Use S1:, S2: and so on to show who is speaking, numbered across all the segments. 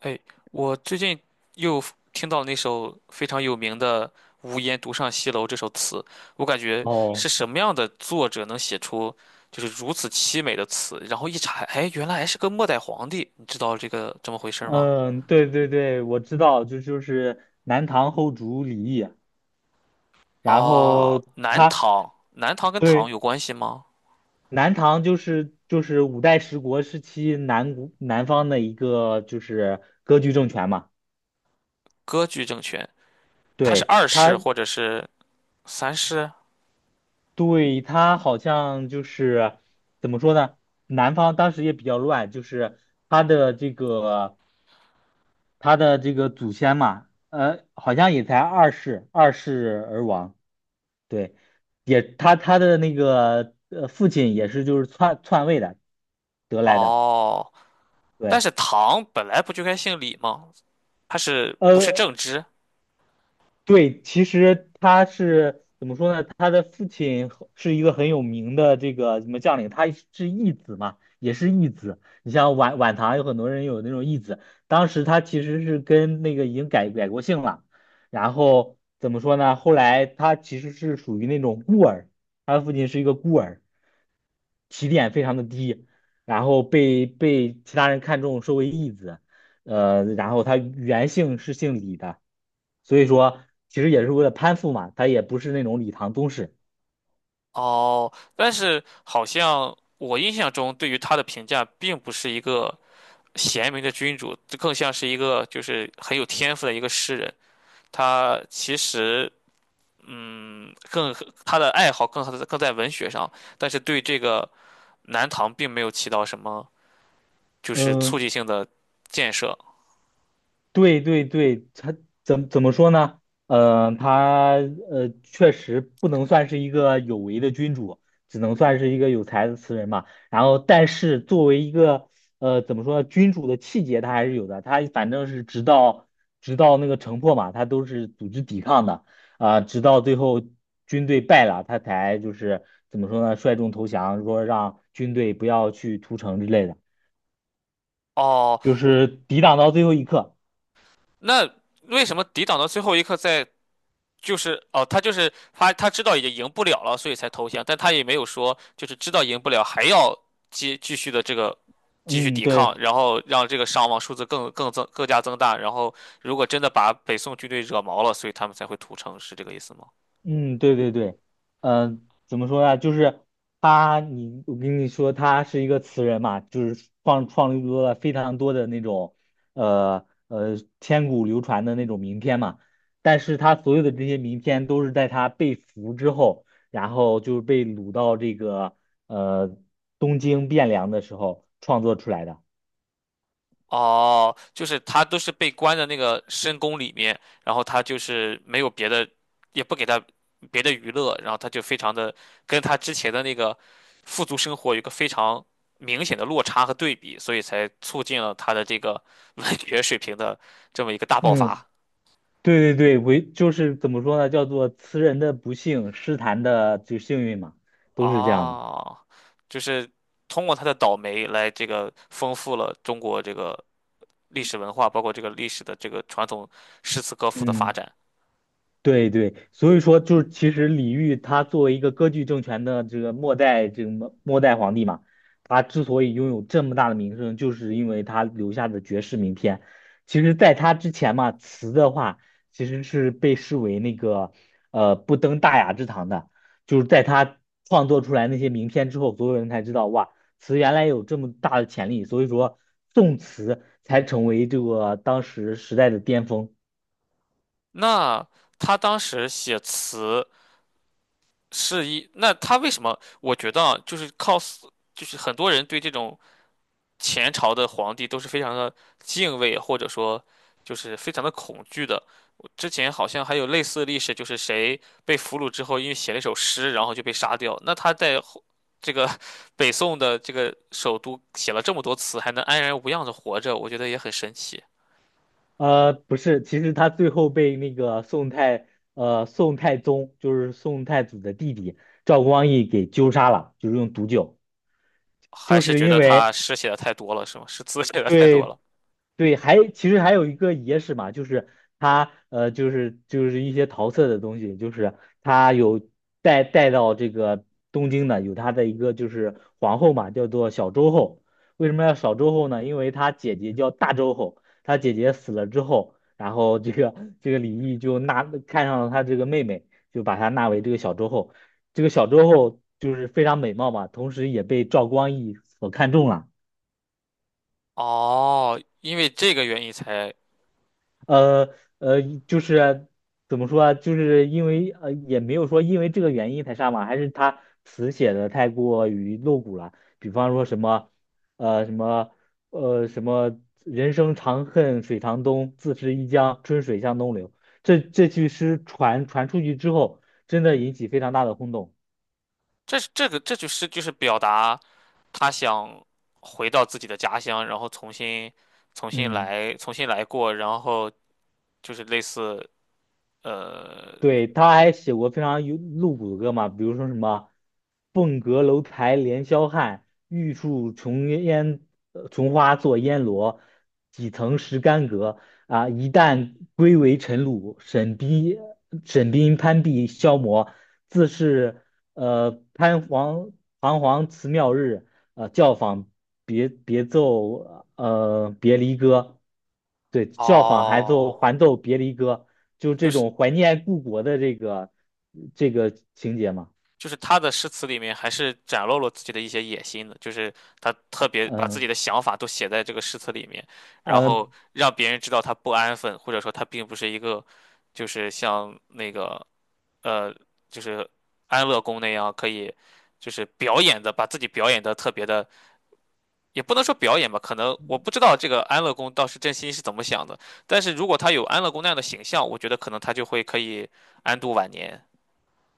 S1: 哎，我最近又 听到那首非常有名的“无言独上西楼”这首词，我感觉是
S2: 哦，
S1: 什么样的作者能写出如此凄美的词？然后一查，哎，原来还是个末代皇帝，你知道这么回事儿吗？
S2: 嗯，对对对，我知道，就是南唐后主李毅。然
S1: 啊，
S2: 后
S1: 南
S2: 他
S1: 唐，南唐跟唐
S2: 对
S1: 有关系吗？
S2: 南唐就是五代十国时期南国南方的一个就是割据政权嘛。
S1: 割据政权，他是
S2: 对
S1: 二世
S2: 他
S1: 或者是三世？
S2: 对他好像就是怎么说呢？南方当时也比较乱，就是他的这个他的这个祖先嘛，好像也才二世而亡。对，也他的那个父亲也是就是篡位的得来的。
S1: 哦，但
S2: 对，
S1: 是唐本来不就该姓李吗？他是不是
S2: 呃
S1: 正直？
S2: 对，其实他是怎么说呢？他的父亲和是一个很有名的这个什么将领，他是义子嘛，也是义子。你像晚唐有很多人有那种义子。当时他其实是跟那个已经改过姓了。然后怎么说呢？后来他其实是属于那种孤儿，他的父亲是一个孤儿，起点非常的低，然后被其他人看中，收为义子，然后他原姓是姓李的。所以说其实也是为了攀附嘛，他也不是那种李唐宗室。
S1: 哦，但是好像我印象中对于他的评价并不是一个贤明的君主，这更像是一个很有天赋的一个诗人。他其实嗯，更他的爱好更在文学上，但是对这个南唐并没有起到什么促
S2: 嗯，
S1: 进性的建设。
S2: 对对对，他怎怎么说呢？他确实不能算是一个有为的君主，只能算是一个有才的词人嘛。然后，但是作为一个呃怎么说呢，君主的气节他还是有的。他反正是直到那个城破嘛，他都是组织抵抗的。直到最后军队败了，他才就是怎么说呢，率众投降，说让军队不要去屠城之类的，
S1: 哦，
S2: 就是抵挡到最后一刻。
S1: 那为什么抵挡到最后一刻，在就是哦，他就是他，他知道已经赢不了了，所以才投降，但他也没有说知道赢不了还要继继续的这个继续
S2: 嗯，
S1: 抵抗，
S2: 对。
S1: 然后让这个伤亡数字更加增大，然后如果真的把北宋军队惹毛了，所以他们才会屠城，是这个意思吗？
S2: 嗯，对对对。嗯、怎么说呢？就是他，你我跟你说，他是一个词人嘛，就是创立出了非常多的那种，千古流传的那种名篇嘛。但是他所有的这些名篇都是在他被俘之后，然后就是被掳到这个呃东京汴梁的时候创作出来的。
S1: 哦，就是他都是被关在那个深宫里面，然后他就是没有别的，也不给他别的娱乐，然后他就非常的他之前的那个富足生活有一个非常明显的落差和对比，所以才促进了他的这个 文学水平的这么一个大爆
S2: 嗯，
S1: 发。
S2: 对对对，为就是怎么说呢？叫做词人的不幸，诗坛的就幸运嘛，都是这样的。
S1: 哦，就是通过他的倒霉来丰富了中国这个历史文化，包括这个历史的这个传统诗词歌赋的发
S2: 嗯。
S1: 展。
S2: 对对，所以说就是其实李煜他作为一个割据政权的这个末代这个末代皇帝嘛，他之所以拥有这么大的名声，就是因为他留下的绝世名篇。其实，在他之前嘛，词的话其实是被视为那个不登大雅之堂的。就是在他创作出来那些名篇之后，所有人才知道哇，词原来有这么大的潜力，所以说宋词才成为这个当时时代的巅峰。
S1: 那他当时写词那他为什么？我觉得啊就是靠死，o 就是很多人对这种前朝的皇帝都是非常的敬畏，或者说非常的恐惧的。之前好像还有类似的历史，就是谁被俘虏之后，因为写了一首诗，然后就被杀掉。那他在 这个北宋的这个首都写了这么多词，还能安然无恙的活着，我觉得也很神奇。
S2: 不是，其实他最后被那个宋太宗就是宋太祖的弟弟赵光义给纠杀了，就是用毒酒，
S1: 还
S2: 就
S1: 是
S2: 是
S1: 觉
S2: 因
S1: 得
S2: 为
S1: 他诗写的太多了，是吗？是字 写的太多
S2: 对
S1: 了。
S2: 对，还其实还有一个野史嘛，就是他就是一些桃色的东西，就是他有带到这个东京的，有他的一个就是皇后嘛，叫做小周后。为什么要小周后呢？因为他姐姐叫大周后，他姐姐死了之后，然后这个李毅就纳看上了他这个妹妹，就把她纳为这个小周后。这个小周后就是非常美貌嘛，同时也被赵光义所看中了。
S1: 哦，因为这个原因才，
S2: 呃呃，就是怎么说啊，就是因为也没有说因为这个原因才杀嘛，还是他词写的太过于露骨了。比方说什么，呃，什么，呃，什么，人生长恨水长东，自是一江春水向东流。这句诗传出去之后，真的引起非常大的轰动。
S1: 这是这个这就是表达他想回到自己的家乡，然后
S2: 嗯。
S1: 重新来过，然后就是类似呃
S2: 对，他还写过非常有露骨的歌嘛，比如说什么“凤阁楼台连霄汉，玉树琼烟琼花作烟萝，几曾识干戈啊！一旦归为尘土，沈冰攀壁消磨，自是呃攀黄彷徨辞庙日。教坊别离歌。对，教坊还奏
S1: 哦，
S2: 还奏别离歌，就
S1: 就
S2: 这
S1: 是
S2: 种怀念故国的这个情节嘛。
S1: 他的诗词里面还是展露了自己的一些野心的，就是他特别把自
S2: 嗯
S1: 己的想法都写在这个诗词里面，然后
S2: 嗯，
S1: 让别人知道他不安分，或者说他并不是一个像那个。呃，就是安乐宫那样，可以表演的，把自己表演的特别的，也不能说表演吧，可能我不知道这个安乐宫倒是真心是怎么想的，但是如果他有安乐宫那样的形象，我觉得可能他就可以安度晚年。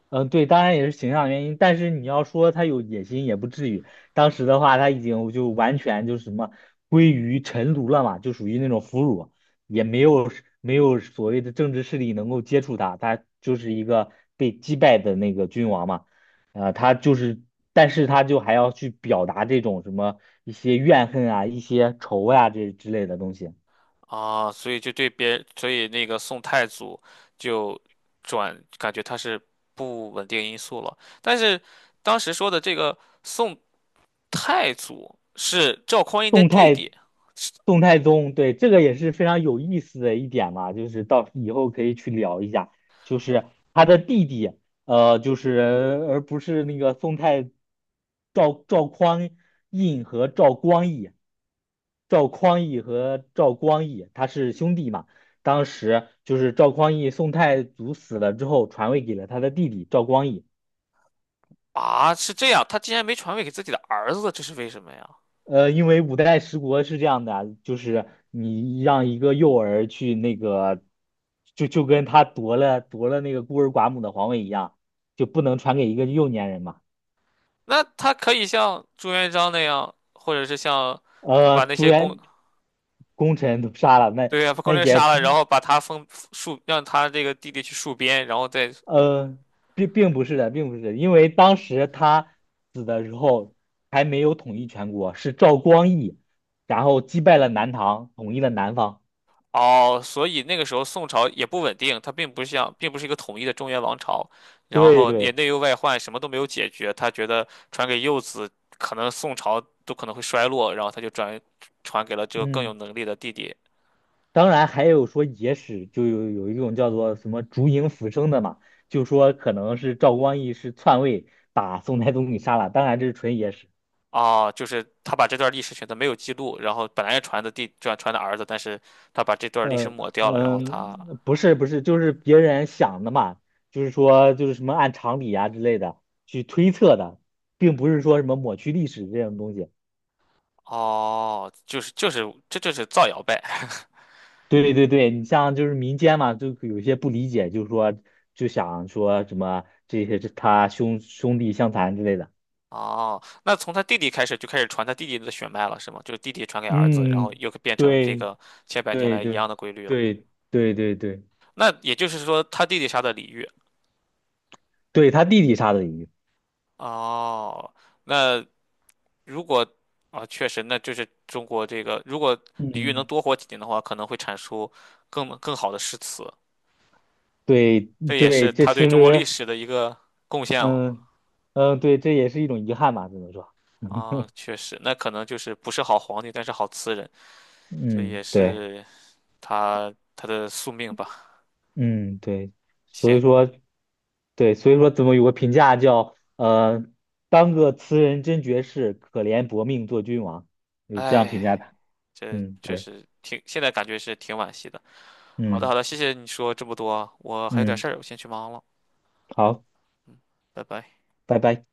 S2: 嗯，对，当然也是形象原因，但是你要说他有野心也不至于。当时的话，他已经就完全就是什么归于臣奴了嘛，就属于那种俘虏，也没有所谓的政治势力能够接触他，他就是一个被击败的那个君王嘛。他就是，但是他就还要去表达这种什么一些怨恨啊、一些仇呀、这之类的东西。
S1: 啊，所以就对别人，所以那个宋太祖就感觉他是不稳定因素了，但是当时说的这个宋太祖是赵匡胤的
S2: 动
S1: 弟弟。
S2: 态动态宗，对，这个也是非常有意思的一点嘛，就是到以后可以去聊一下，就是他的弟弟，就是而不是那个宋太赵赵匡胤和赵光义，赵匡胤和赵光义他是兄弟嘛。当时就是赵匡胤宋太祖死了之后传位给了他的弟弟赵光义。
S1: 啊，是这样，他竟然没传位给自己的儿子，这是为什么呀？
S2: 因为五代十国是这样的啊，就是你让一个幼儿去那个，就跟他夺了那个孤儿寡母的皇位一样，就不能传给一个幼年人嘛。
S1: 那他可以像朱元璋那样，或者是像他
S2: 呃，
S1: 把那
S2: 朱
S1: 些功，
S2: 元功臣都杀了，那
S1: 对呀，把功
S2: 那
S1: 臣
S2: 也
S1: 杀
S2: 不，
S1: 了，然后把他封戍，让他这个弟弟去戍边，然后再
S2: 呃，并不是的，并不是的，因为当时他死的时候还没有统一全国，是赵光义，然后击败了南唐，统一了南方。
S1: 哦，所以那个时候宋朝也不稳定，他并不像，并不是一个统一的中原王朝，然
S2: 对
S1: 后也
S2: 对，
S1: 内忧外患，什么都没有解决。他觉得传给幼子，可能宋朝都可能会衰落，然后他传给了这个更有
S2: 嗯。
S1: 能力的弟弟。
S2: 当然还有说野史，就有一种叫做什么烛影斧生”的嘛，就说可能是赵光义是篡位把宋太宗给杀了，当然这是纯野史。
S1: 啊，就是他把这段历史选择没有记录，然后本来是传的儿子，但是他把这段历史
S2: 呃
S1: 抹掉了，然后他
S2: 嗯，不是，就是别人想的嘛，就是说就是什么按常理啊之类的去推测的，并不是说什么抹去历史这种东西。
S1: 哦，这就是造谣呗。
S2: 对对对，你像就是民间嘛，就有些不理解，就是说就想说什么这些是他兄弟相残之类的。
S1: 哦，那从他弟弟开始就开始传他弟弟的血脉了，是吗？就是弟弟传给儿子，然后
S2: 嗯，
S1: 又变成这
S2: 对。
S1: 个千百年
S2: 对
S1: 来一
S2: 对，
S1: 样的规律了。
S2: 对对对对。
S1: 那也就是说，他弟弟杀的李煜。
S2: 对他弟弟杀的鱼。
S1: 哦，那如果啊，确实，那就是中国这个，如果李煜能
S2: 嗯，
S1: 多活几年的话，可能会产出更好的诗词。
S2: 对
S1: 这也是
S2: 对，这
S1: 他对
S2: 其
S1: 中国历
S2: 实，
S1: 史的一个贡献了。
S2: 嗯嗯，对，这也是一种遗憾吧，只能说。
S1: 啊，确实，那可能就是不是好皇帝，但是好词人，这
S2: 嗯，
S1: 也
S2: 对。
S1: 是他的宿命吧。
S2: 嗯，对，所
S1: 行，
S2: 以说，对，所以说怎么有个评价叫，当个词人真绝世，可怜薄命做君王，有这样评
S1: 哎，
S2: 价他。
S1: 这
S2: 嗯，
S1: 确
S2: 对。
S1: 实挺，现在感觉是挺惋惜的。好的，
S2: 嗯
S1: 好的，谢谢你说这么多啊，我还有点
S2: 嗯，
S1: 事儿，我先去忙了，
S2: 好，
S1: 嗯，拜拜。
S2: 拜拜。